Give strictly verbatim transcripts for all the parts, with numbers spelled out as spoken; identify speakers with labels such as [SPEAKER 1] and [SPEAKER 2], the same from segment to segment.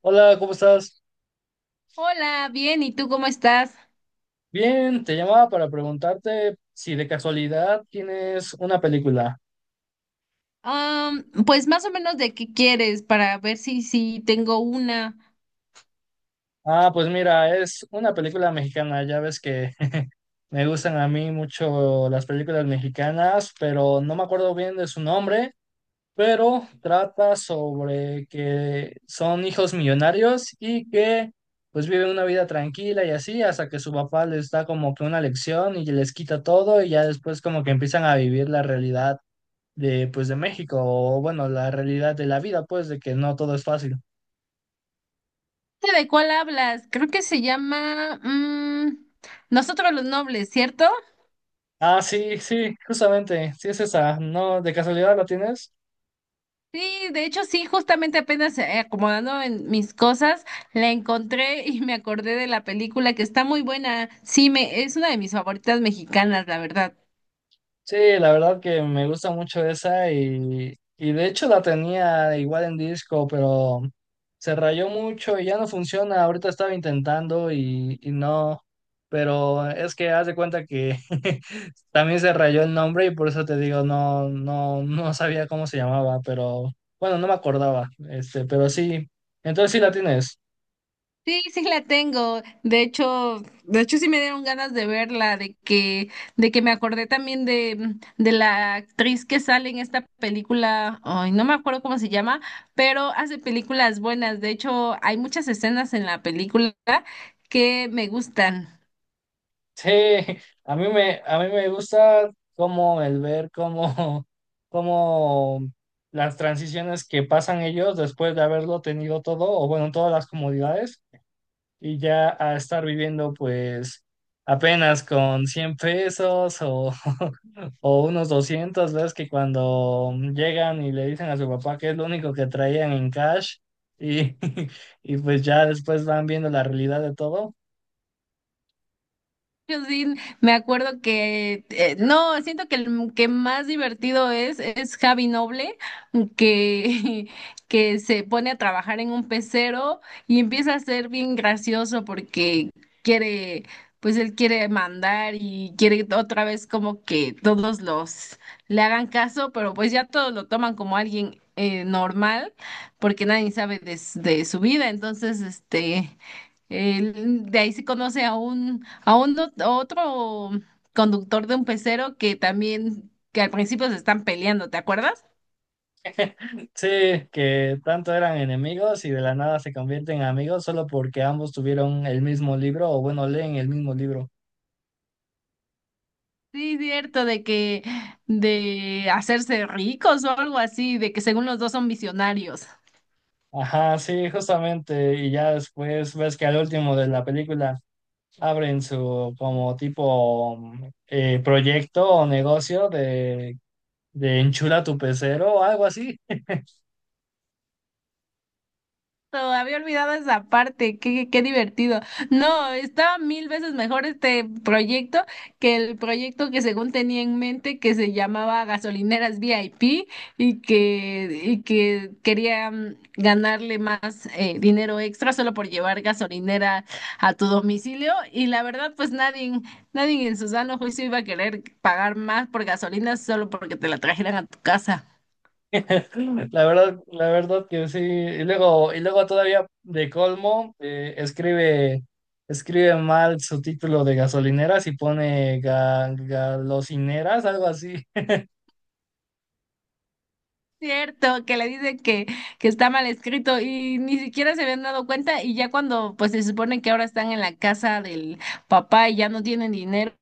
[SPEAKER 1] Hola, ¿cómo estás?
[SPEAKER 2] Hola, bien, ¿y tú cómo estás?
[SPEAKER 1] Bien, te llamaba para preguntarte si de casualidad tienes una película.
[SPEAKER 2] Am, pues más o menos de qué quieres para ver si si tengo una.
[SPEAKER 1] Ah, pues mira, es una película mexicana. Ya ves que me gustan a mí mucho las películas mexicanas, pero no me acuerdo bien de su nombre, pero trata sobre que son hijos millonarios y que pues viven una vida tranquila y así hasta que su papá les da como que una lección y les quita todo y ya después como que empiezan a vivir la realidad. De, pues, de México, o bueno, la realidad de la vida, pues, de que no todo es fácil.
[SPEAKER 2] ¿De cuál hablas? Creo que se llama mm, Nosotros los Nobles, ¿cierto?
[SPEAKER 1] Ah, sí, sí, justamente, sí es esa, ¿no? ¿De casualidad la tienes?
[SPEAKER 2] Sí, de hecho sí, justamente apenas eh, acomodando en mis cosas la encontré y me acordé de la película que está muy buena. Sí, me es una de mis favoritas mexicanas, la verdad.
[SPEAKER 1] Sí, la verdad que me gusta mucho esa y, y de hecho la tenía igual en disco, pero se rayó mucho y ya no funciona. Ahorita estaba intentando y, y no, pero es que haz de cuenta que también se rayó el nombre y por eso te digo, no, no, no sabía cómo se llamaba, pero bueno, no me acordaba, este, pero sí, entonces sí la tienes.
[SPEAKER 2] Sí, sí la tengo. De hecho, de hecho sí me dieron ganas de verla, de que, de que me acordé también de, mm, de la actriz que sale en esta película, ay, no me acuerdo cómo se llama, pero hace películas buenas. De hecho, hay muchas escenas en la película que me gustan.
[SPEAKER 1] Sí, a mí me, a mí me gusta como el ver cómo, cómo las transiciones que pasan ellos después de haberlo tenido todo, o bueno, todas las comodidades, y ya a estar viviendo pues apenas con cien pesos o, o unos doscientos, ves que cuando llegan y le dicen a su papá que es lo único que traían en cash, y, y pues ya después van viendo la realidad de todo.
[SPEAKER 2] Yo sí, me acuerdo que, eh, no, siento que el que más divertido es, es Javi Noble, que, que se pone a trabajar en un pecero y empieza a ser bien gracioso porque quiere, pues él quiere mandar y quiere otra vez como que todos los le hagan caso, pero pues ya todos lo toman como alguien eh, normal porque nadie sabe de, s- de su vida, entonces este... Él- de ahí se conoce a un, a un ot- otro conductor de un pecero que también, que al principio se están peleando, ¿te acuerdas?
[SPEAKER 1] Sí, que tanto eran enemigos y de la nada se convierten en amigos solo porque ambos tuvieron el mismo libro o bueno, leen el mismo libro.
[SPEAKER 2] Sí, cierto, de que, de hacerse ricos o algo así, de que según los dos son visionarios.
[SPEAKER 1] Ajá, sí, justamente. Y ya después ves que al último de la película abren su como tipo mm, eh, proyecto o negocio de, de enchula tu pecero o algo así.
[SPEAKER 2] Exacto, había olvidado esa parte, qué, qué divertido. No, estaba mil veces mejor este proyecto que el proyecto que según tenía en mente que se llamaba Gasolineras V I P y que, y que quería mm, ganarle más eh, dinero extra solo por llevar gasolinera a tu domicilio. Y la verdad, pues nadie, nadie en su sano juicio iba a querer pagar más por gasolina solo porque te la trajeran a tu casa.
[SPEAKER 1] La verdad, la verdad que sí. Y luego, y luego todavía de colmo, eh, escribe, escribe mal su título de gasolineras y pone ga- galocineras, algo así.
[SPEAKER 2] Cierto, que le dice que, que está mal escrito y ni siquiera se habían dado cuenta, y ya cuando pues se supone que ahora están en la casa del papá y ya no tienen dinero,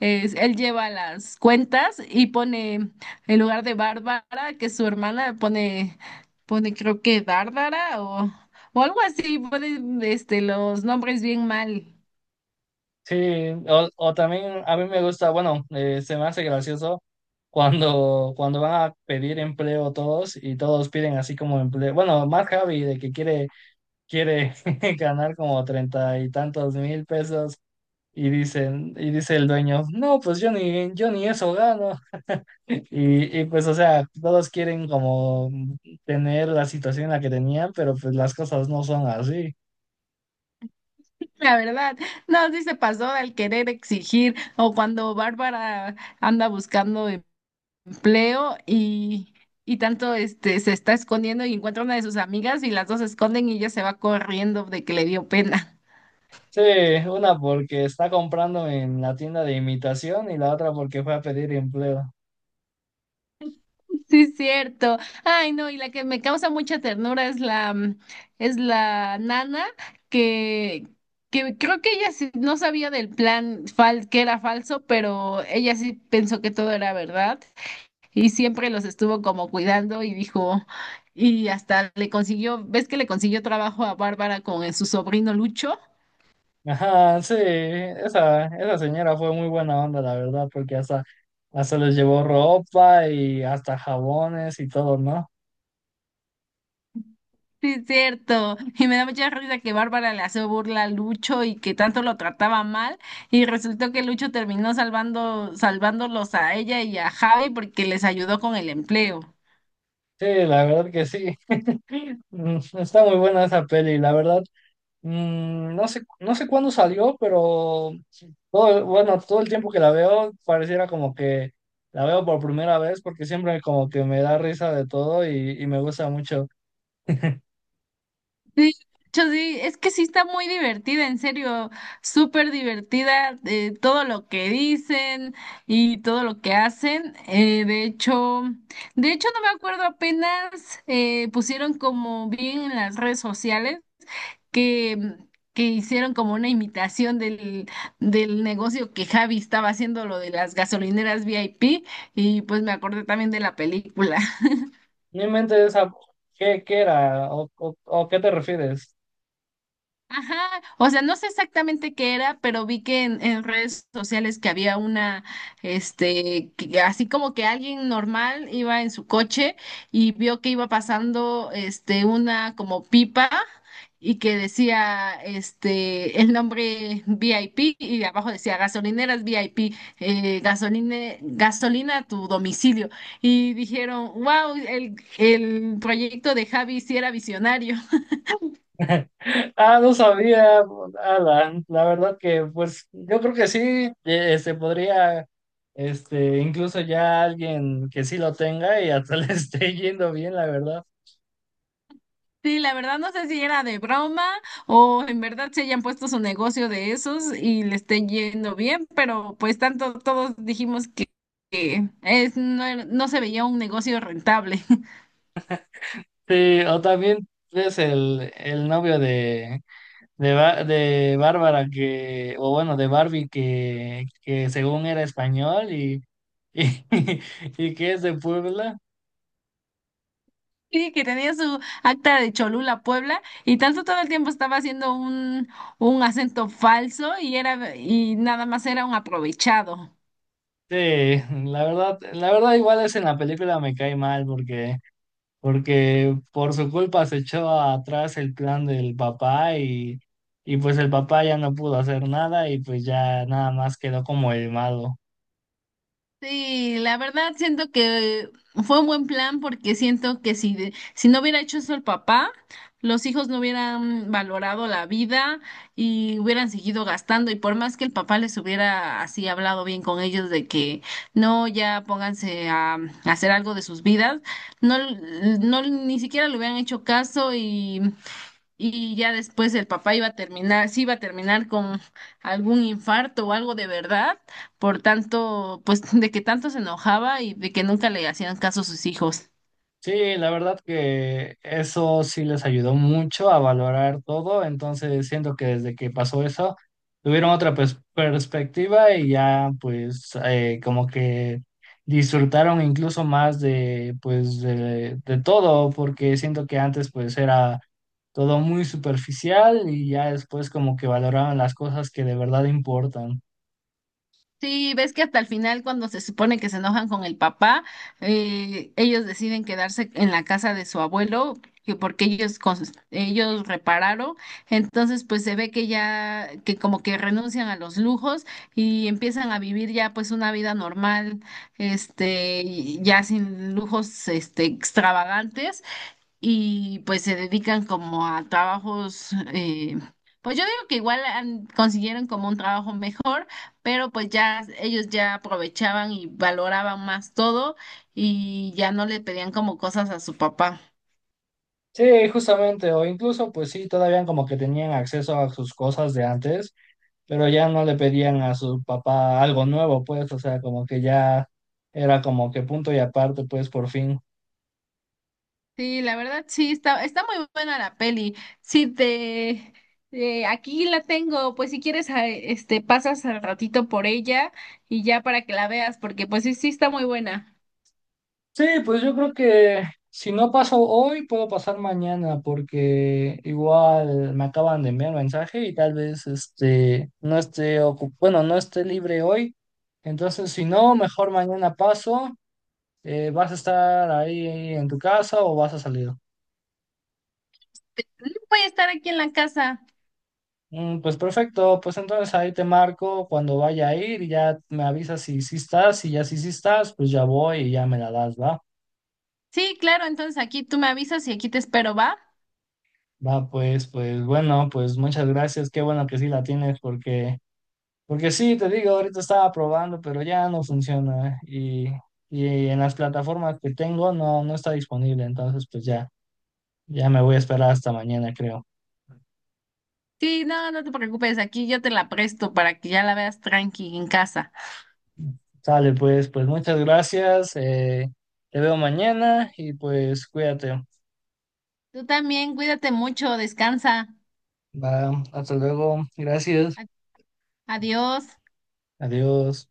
[SPEAKER 2] es- él lleva las cuentas y pone en lugar de Bárbara, que es su hermana, pone, pone creo que Dárdara o, o algo así, pone este, los nombres bien mal.
[SPEAKER 1] Sí, o, o también a mí me gusta, bueno, eh, se me hace gracioso cuando, cuando van a pedir empleo todos y todos piden así como empleo. Bueno, más Javi de que quiere, quiere ganar como treinta y tantos mil pesos. Y dicen, y dice el dueño, no, pues yo ni, yo ni eso gano. Y, y pues, o sea, todos quieren como tener la situación en la que tenían, pero pues las cosas no son así.
[SPEAKER 2] La verdad, no, sí se pasó al querer exigir o cuando Bárbara anda buscando Leo y, y tanto este se está escondiendo y encuentra una de sus amigas y las dos se esconden y ella se va corriendo de que le dio pena.
[SPEAKER 1] Sí, una porque está comprando en la tienda de imitación y la otra porque fue a pedir empleo.
[SPEAKER 2] Sí, es cierto. Ay, no, y la que me causa mucha ternura es la mm, es la nana que que creo que ella sí no sabía del plan fal que era falso, pero ella sí pensó que todo era verdad y siempre los estuvo como cuidando y dijo y hasta le consiguió, ¿ves que le consiguió trabajo a Bárbara con su sobrino Lucho?
[SPEAKER 1] Ajá, sí, esa, esa señora fue muy buena onda, la verdad, porque hasta, hasta les llevó ropa y hasta jabones y todo, ¿no?
[SPEAKER 2] Sí, es cierto. Y me da mucha risa que Bárbara le hace burla a Lucho y que tanto lo trataba mal. Y resultó que Lucho terminó salvando, salvándolos a ella y a Javi porque les ayudó con el empleo.
[SPEAKER 1] Sí, la verdad que sí. Mm, Está muy buena esa peli, la verdad. Mm, no sé, no sé cuándo salió, pero todo, el- bueno, todo el tiempo que la veo pareciera como que la veo por primera vez porque siempre como que me da risa de todo y, y me gusta mucho.
[SPEAKER 2] Sí, Lucho, sí, es que sí está muy divertida, en serio, súper divertida, eh, todo lo que dicen y todo lo que hacen. Eh, de hecho, de hecho no me acuerdo apenas eh, pusieron como bien en las redes sociales. que, que hicieron como una imitación del, del negocio que Javi estaba haciendo, lo de las gasolineras V I P, y pues me acordé también de la película.
[SPEAKER 1] Mi mente esa, ¿qué, qué era? ¿O, o, o qué te refieres?
[SPEAKER 2] Ajá, o sea, no sé exactamente qué era, pero vi que en, en redes sociales que había una, este, que- así como que alguien normal iba en su coche y vio que iba pasando, este, una como pipa y que decía, este, el nombre V I P y abajo decía gasolineras V I P, eh, gasoline- gasolina a tu domicilio. Y dijeron, wow, el, el proyecto de Javi sí era visionario.
[SPEAKER 1] Ah, no sabía, Alan. La verdad que, pues, yo creo que sí, eh, este, podría, este, incluso ya alguien que sí lo tenga y hasta le esté yendo bien, la verdad.
[SPEAKER 2] Sí, la verdad no sé si era de broma o en verdad se hayan puesto su negocio de esos y le estén yendo bien, pero pues tanto todos dijimos que, que es, no, era- no se veía un negocio rentable.
[SPEAKER 1] Sí, o también ves el, el novio de, de, Ba- de Bárbara que, o bueno, de Barbie que, que según era español y, y, y que es de Puebla.
[SPEAKER 2] Sí, que tenía su acta de Cholula, Puebla, y tanto todo el tiempo estaba haciendo un, un acento falso y era y nada más era un aprovechado.
[SPEAKER 1] Sí, la verdad, la verdad igual es en la película me cae mal porque, porque por su culpa se echó atrás el plan del papá y, y pues el papá ya no pudo hacer nada y pues ya nada más quedó como el malo.
[SPEAKER 2] Sí, la verdad siento que fue un buen plan porque siento que si, de- si no hubiera hecho eso el papá, los hijos no hubieran valorado la vida y hubieran seguido gastando, y por más que el papá les hubiera así hablado bien con ellos de que no, ya pónganse a, a hacer algo de sus vidas, no, no ni siquiera le hubieran hecho caso, y, y ya después el papá iba a terminar, sí iba a terminar con algún infarto o algo de verdad por tanto, pues de que tanto se enojaba y de que nunca le hacían caso a sus hijos.
[SPEAKER 1] Sí, la verdad que eso sí les ayudó mucho a valorar todo, entonces siento que desde que pasó eso tuvieron otra pers- perspectiva y ya pues eh, como que disfrutaron incluso más de pues de, de todo, porque siento que antes pues era todo muy superficial y ya después como que valoraban las cosas que de verdad importan.
[SPEAKER 2] Sí, ves que hasta el final, cuando se supone que se enojan con el papá, eh, ellos deciden quedarse en la casa de su abuelo, que porque ellos, cons- ellos repararon. Entonces, pues se ve que ya, que como que renuncian a los lujos y empiezan a vivir ya pues una vida normal, este, y ya sin lujos, este, extravagantes. Y pues se dedican como a trabajos, eh, pues yo digo que igual han- consiguieron como un trabajo mejor, pero pues ya ellos ya aprovechaban y valoraban más todo y ya no le pedían como cosas a su papá.
[SPEAKER 1] Sí, justamente, o incluso pues sí, todavía como que tenían acceso a sus cosas de antes, pero ya no le pedían a su papá algo nuevo, pues, o sea, como que ya era como que punto y aparte, pues, por fin.
[SPEAKER 2] Sí, la verdad sí, está, está muy buena la peli. Sí, te, eh, aquí la tengo, pues si quieres, a- este, pasas al ratito por ella y ya para que la veas, porque pues sí, sí está muy buena.
[SPEAKER 1] Sí, pues yo creo que si no paso hoy, puedo pasar mañana, porque igual me acaban de enviar mensaje y tal vez este no esté ocu- bueno, no esté libre hoy. Entonces, si no, mejor mañana paso. Eh, ¿vas a estar ahí en tu casa o vas a salir?
[SPEAKER 2] Voy a estar aquí en la casa.
[SPEAKER 1] Mm, Pues perfecto, pues entonces ahí te marco cuando vaya a ir y ya me avisas si sí estás y ya si sí estás, pues ya voy y ya me la das, ¿va?
[SPEAKER 2] Sí, claro, entonces aquí tú me avisas y aquí te espero, ¿va?
[SPEAKER 1] Va, pues, pues bueno, pues muchas gracias, qué bueno que sí la tienes porque, porque sí, te digo, ahorita estaba probando, pero ya no funciona y, y en las plataformas que tengo no, no está disponible, entonces pues ya, ya me voy a esperar hasta mañana, creo.
[SPEAKER 2] Sí, no, no te preocupes, aquí yo te la presto para que ya la veas tranqui en casa.
[SPEAKER 1] Sale, pues, pues muchas gracias, eh, te veo mañana y pues cuídate.
[SPEAKER 2] Tú también, cuídate mucho, descansa.
[SPEAKER 1] Va, hasta luego. Gracias.
[SPEAKER 2] A- Adiós.
[SPEAKER 1] Adiós.